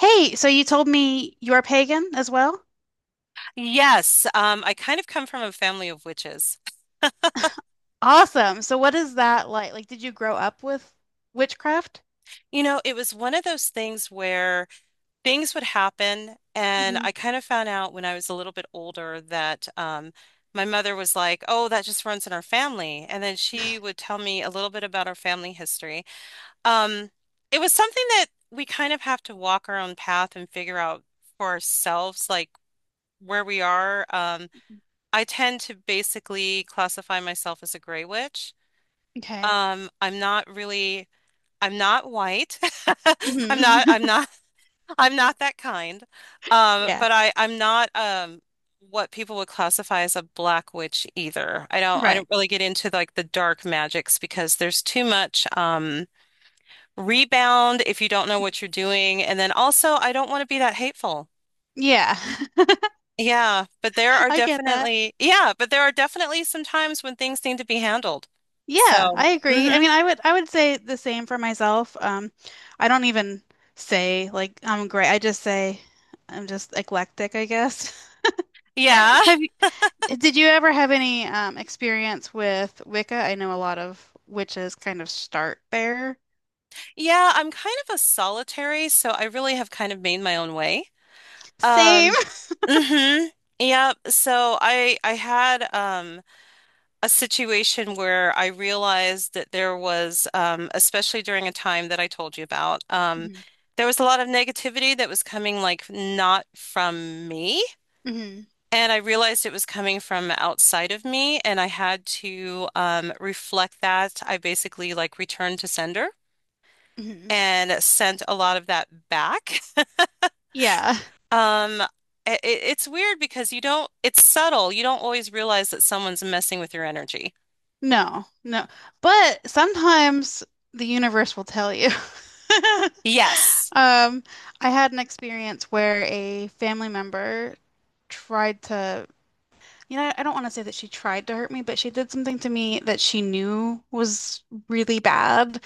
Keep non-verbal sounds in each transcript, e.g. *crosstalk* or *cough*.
Hey, so you told me you're pagan as well? Yes, I kind of come from a family of witches. Awesome. So what is that like? Like, did you grow up with witchcraft? You know, it was one of those things where things would happen, and Hmm I kind of found out when I was a little bit older that my mother was like, "Oh, that just runs in our family," and then she would tell me a little bit about our family history. Um, it was something that we kind of have to walk our own path and figure out for ourselves, like where we are. I tend to basically classify myself as a gray witch. Okay. I'm not really I'm not white. *laughs* I'm not I'm hmm not *laughs* I'm not that kind. *laughs* Yeah. But I'm not what people would classify as a black witch either. I don't I Right. don't really get into like the dark magics because there's too much rebound if you don't know what you're doing. And then also I don't want to be that hateful. Yeah. Yeah, but there *laughs* are I get that. definitely yeah, but there are definitely some times when things need to be handled. Yeah, So, I agree. I mhm. mean, I would say the same for myself. I don't even say like I'm great. I just say I'm just eclectic, I guess. *laughs* Yeah. Have you, did you ever have any experience with Wicca? I know a lot of witches kind of start there. Yeah, I'm kind of a solitary, so I really have kind of made my own way. Same. Um, mm-hmm. Yep. So I had a situation where I realized that there was especially during a time that I told you about, Hmm there was a lot of negativity that was coming like not from me. hmm And I realized it was coming from outside of me, and I had to reflect that. I basically like returned to sender hmm and sent a lot of that back. Yeah. Um, it's weird because you don't, it's subtle. You don't always realize that someone's messing with your energy. No, no. But sometimes the universe will tell you. *laughs* Yes. Um, I had an experience where a family member tried to, I don't want to say that she tried to hurt me, but she did something to me that she knew was really bad,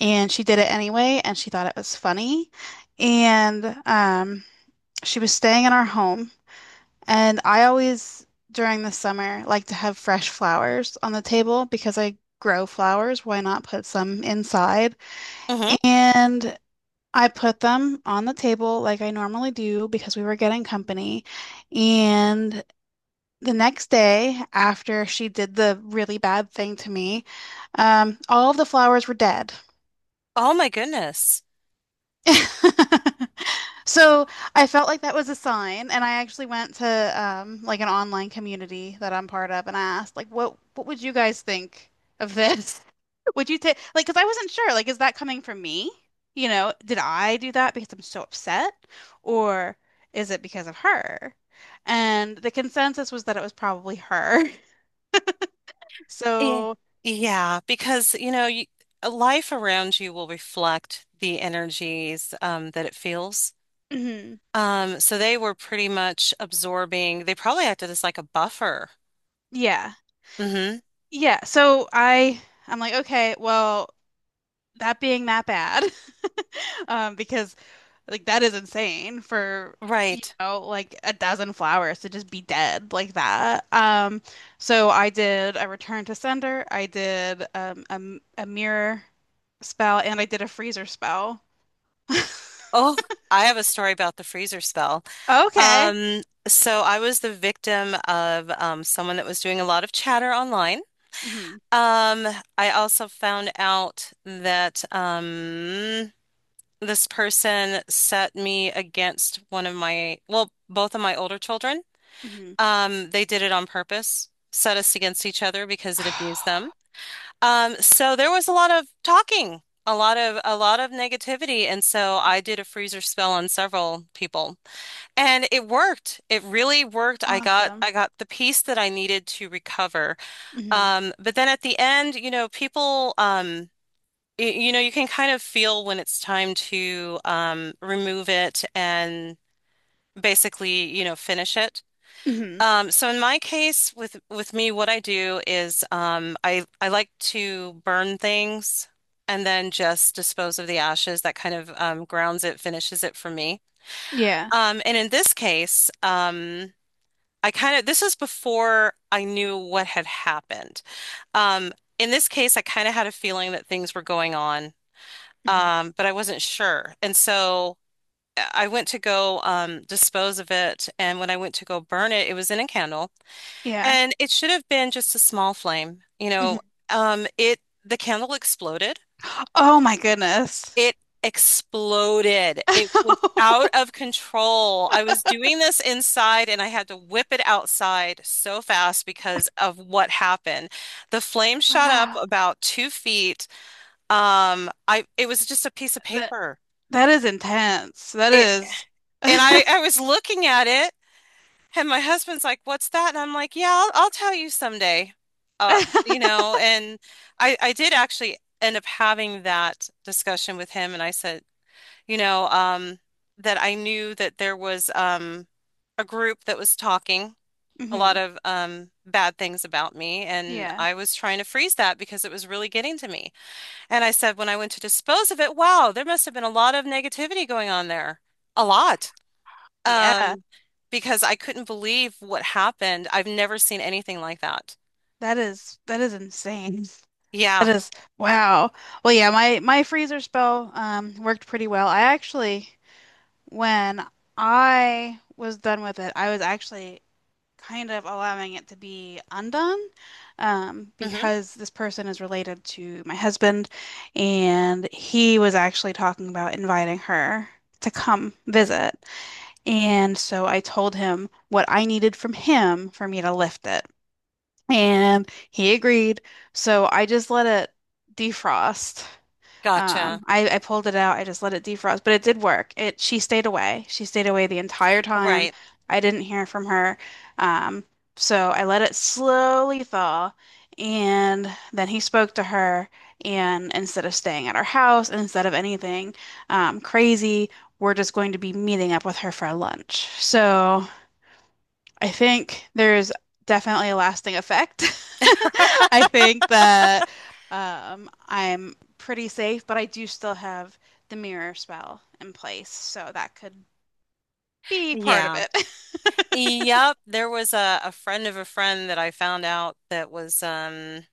and she did it anyway, and she thought it was funny. And she was staying in our home. And I always, during the summer, like to have fresh flowers on the table because I grow flowers. Why not put some inside? Hmm. And I put them on the table like I normally do because we were getting company. And the next day, after she did the really bad thing to me, all of the flowers were dead. Oh my goodness. *laughs* So I felt like that was a sign, and I actually went to like an online community that I'm part of, and I asked, like, what would you guys think of this? *laughs* Would you take like, because I wasn't sure, like, is that coming from me? You know, did I do that because I'm so upset, or is it because of her? And the consensus was that it was probably her. *laughs* Yeah. So Yeah, because you know, you, life around you will reflect the energies that it feels. mhm. So they were pretty much absorbing. They probably acted as like a buffer. yeah, Hmm. yeah. So I'm like, okay, well, that being that bad. *laughs* Because like that is insane for, you Right. know, like a dozen flowers to just be dead like that. So I did a return to sender, I did a mirror spell, and I did a freezer spell. *laughs* Oh, I have a story about the freezer spell. Okay. So I was the victim of someone that was doing a lot of chatter online. hmm Um, I also found out that this person set me against one of my, well, both of my older children. hmm They did it on purpose, set us against each other because it abused them. *sighs* So there was a lot of talking, a lot of negativity, and so I did a freezer spell on several people. And it worked. It really worked. I got Awesome. I got the piece that I needed to recover. Hmm But then at the end, you know, people you know, you can kind of feel when it's time to remove it and basically, you know, finish it. hmm So in my case with me, what I do is I like to burn things and then just dispose of the ashes. That kind of grounds it, finishes it for me. Yeah. And in this case, this is before I knew what had happened. Um, in this case, I kind of had a feeling that things were going on, hmm but I wasn't sure. And so I went to go dispose of it. And when I went to go burn it, it was in a candle. Yeah. And it should have been just a small flame. You hmm know, the candle exploded. Oh my goodness. It exploded. It was *laughs* out of control. I was doing this inside and I had to whip it outside so fast because of what happened. The flame shot up Wow. about 2 feet. I it was just a piece of That paper. that is intense. That It is- and I was looking at it and my husband's like, "What's that?" And I'm like, "Yeah, I'll tell you someday." You *laughs* know, and I did actually end up having that discussion with him and I said, you know, that I knew that there was a group that was talking a lot Mhm. of bad things about me. And Yeah. I was trying to freeze that because it was really getting to me. And I said, when I went to dispose of it, wow, there must have been a lot of negativity going on there. A lot. Yeah. Um, because I couldn't believe what happened. I've never seen anything like that. That is insane. *laughs* Yeah. That is wow. Well, yeah, my freezer spell worked pretty well. I actually when I was done with it, I was actually kind of allowing it to be undone Hmm. because this person is related to my husband and he was actually talking about inviting her to come visit. And so I told him what I needed from him for me to lift it. And he agreed. So I just let it defrost. Gotcha. I pulled it out. I just let it defrost, but it did work. It She stayed away. She stayed away the entire time. Right. I didn't hear from her. Um, so I let it slowly thaw, and then he spoke to her. And instead of staying at our house, and instead of anything crazy, we're just going to be meeting up with her for lunch. So I think there's definitely a lasting effect. *laughs* I think that I'm pretty safe, but I do still have the mirror spell in place, so that could be part of Yeah. it. *laughs* Yep, there was a friend of a friend that I found out that was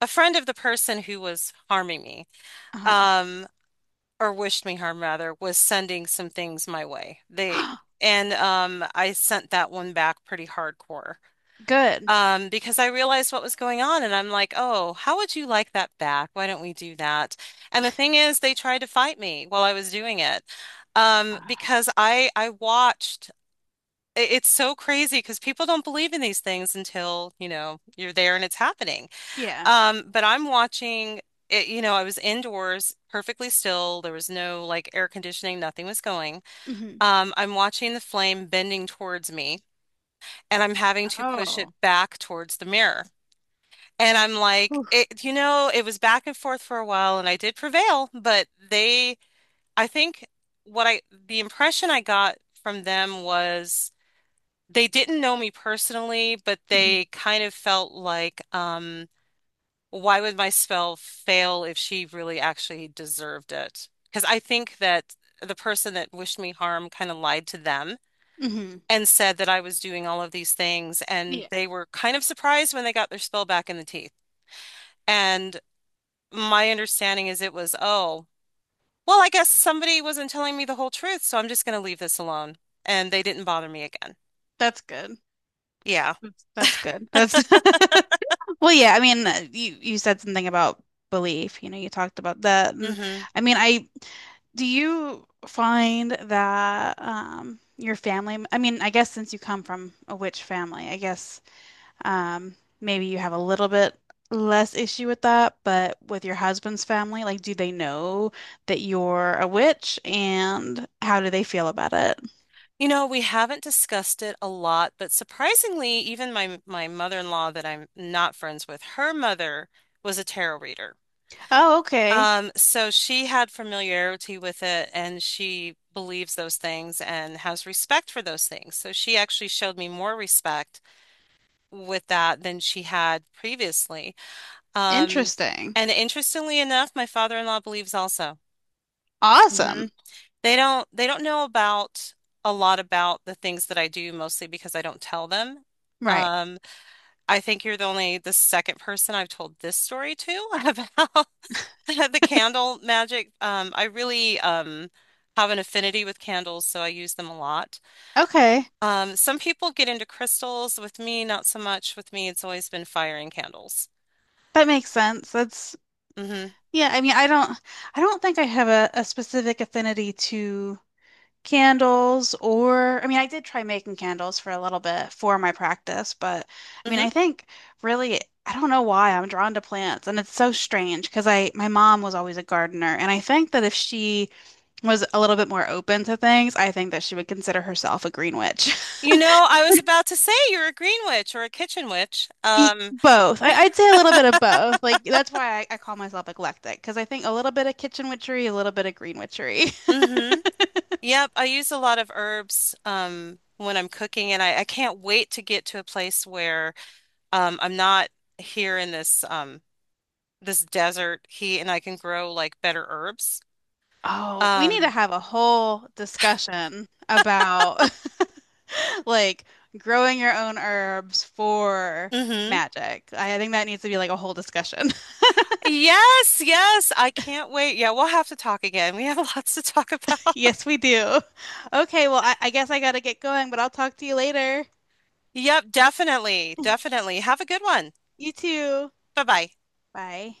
a friend of the person who was harming me, Uh-huh. um, or wished me harm rather, was sending some things my way. They and I sent that one back pretty hardcore. *gasps* Good. Because I realized what was going on and I'm like, oh, how would you like that back? Why don't we do that? And the thing is they tried to fight me while I was doing it. Because I watched It's so crazy because people don't believe in these things until, you know, you're there and it's happening. Yeah. But I'm watching it, you know, I was indoors perfectly still. There was no like air conditioning, nothing was going. hmm I'm watching the flame bending towards me and I'm having to push Oh, it back towards the mirror. And I'm like, whew, you know, it was back and forth for a while and I did prevail, I think the impression I got from them was they didn't know me personally, but hmm they kind of felt like, why would my spell fail if she really actually deserved it? Because I think that the person that wished me harm kind of lied to them hmm and said that I was doing all of these things, and Yeah, they were kind of surprised when they got their spell back in the teeth. And my understanding is it was, oh, well, I guess somebody wasn't telling me the whole truth, so I'm just going to leave this alone. And they didn't bother me again. that's good. Yeah. That's good. That's *laughs* Well, yeah, I mean, you said something about belief. You know, you talked about that. *laughs* And Hmm. I mean, I do you find that your family, I mean, I guess since you come from a witch family, I guess um maybe you have a little bit less issue with that, but with your husband's family, like do they know that you're a witch and how do they feel about it? You know, we haven't discussed it a lot, but surprisingly, even my mother-in-law that I'm not friends with, her mother was a tarot reader. Oh, okay. So she had familiarity with it and she believes those things and has respect for those things. So she actually showed me more respect with that than she had previously. Um, Interesting. and interestingly enough, my father-in-law believes also. Awesome. They don't know about a lot about the things that I do mostly because I don't tell them. Right. Um, I think you're the only the second person I've told this story to *laughs* about the candle magic. I really have an affinity with candles, so I use them a lot. Okay. Some people get into crystals. With me, not so much. With me, it's always been fire and candles. That makes sense. That's Hmm. yeah, I mean, I don't think I have a specific affinity to candles or I mean, I did try making candles for a little bit for my practice, but I mean, Hmm. I think really I don't know why I'm drawn to plants and it's so strange because I my mom was always a gardener and I think that if she was a little bit more open to things, I think that she would consider herself a green witch. You *laughs* know, I was about to say you're a green witch or a kitchen witch. E- Both. I'd say a little bit of both. Like that's why I call myself eclectic because I think a little bit of kitchen witchery, a little bit of green witchery. *laughs* Mhm. Yep, I use a lot of herbs when I'm cooking, and I can't wait to get to a place where I'm not here in this this desert heat, and I can grow like better herbs. Oh, we need to Um, have a whole discussion about *laughs* like growing your own herbs for hmm. magic. I think that needs to be like a whole discussion. *laughs* Yes, yes, I can't wait. Yeah, we'll have to talk again. We have *laughs* lots to talk about. Yes, we do. Okay, well, I guess I gotta get going, but I'll talk to you later. Yep, definitely, definitely. Have a good one. You too. Bye bye. Bye.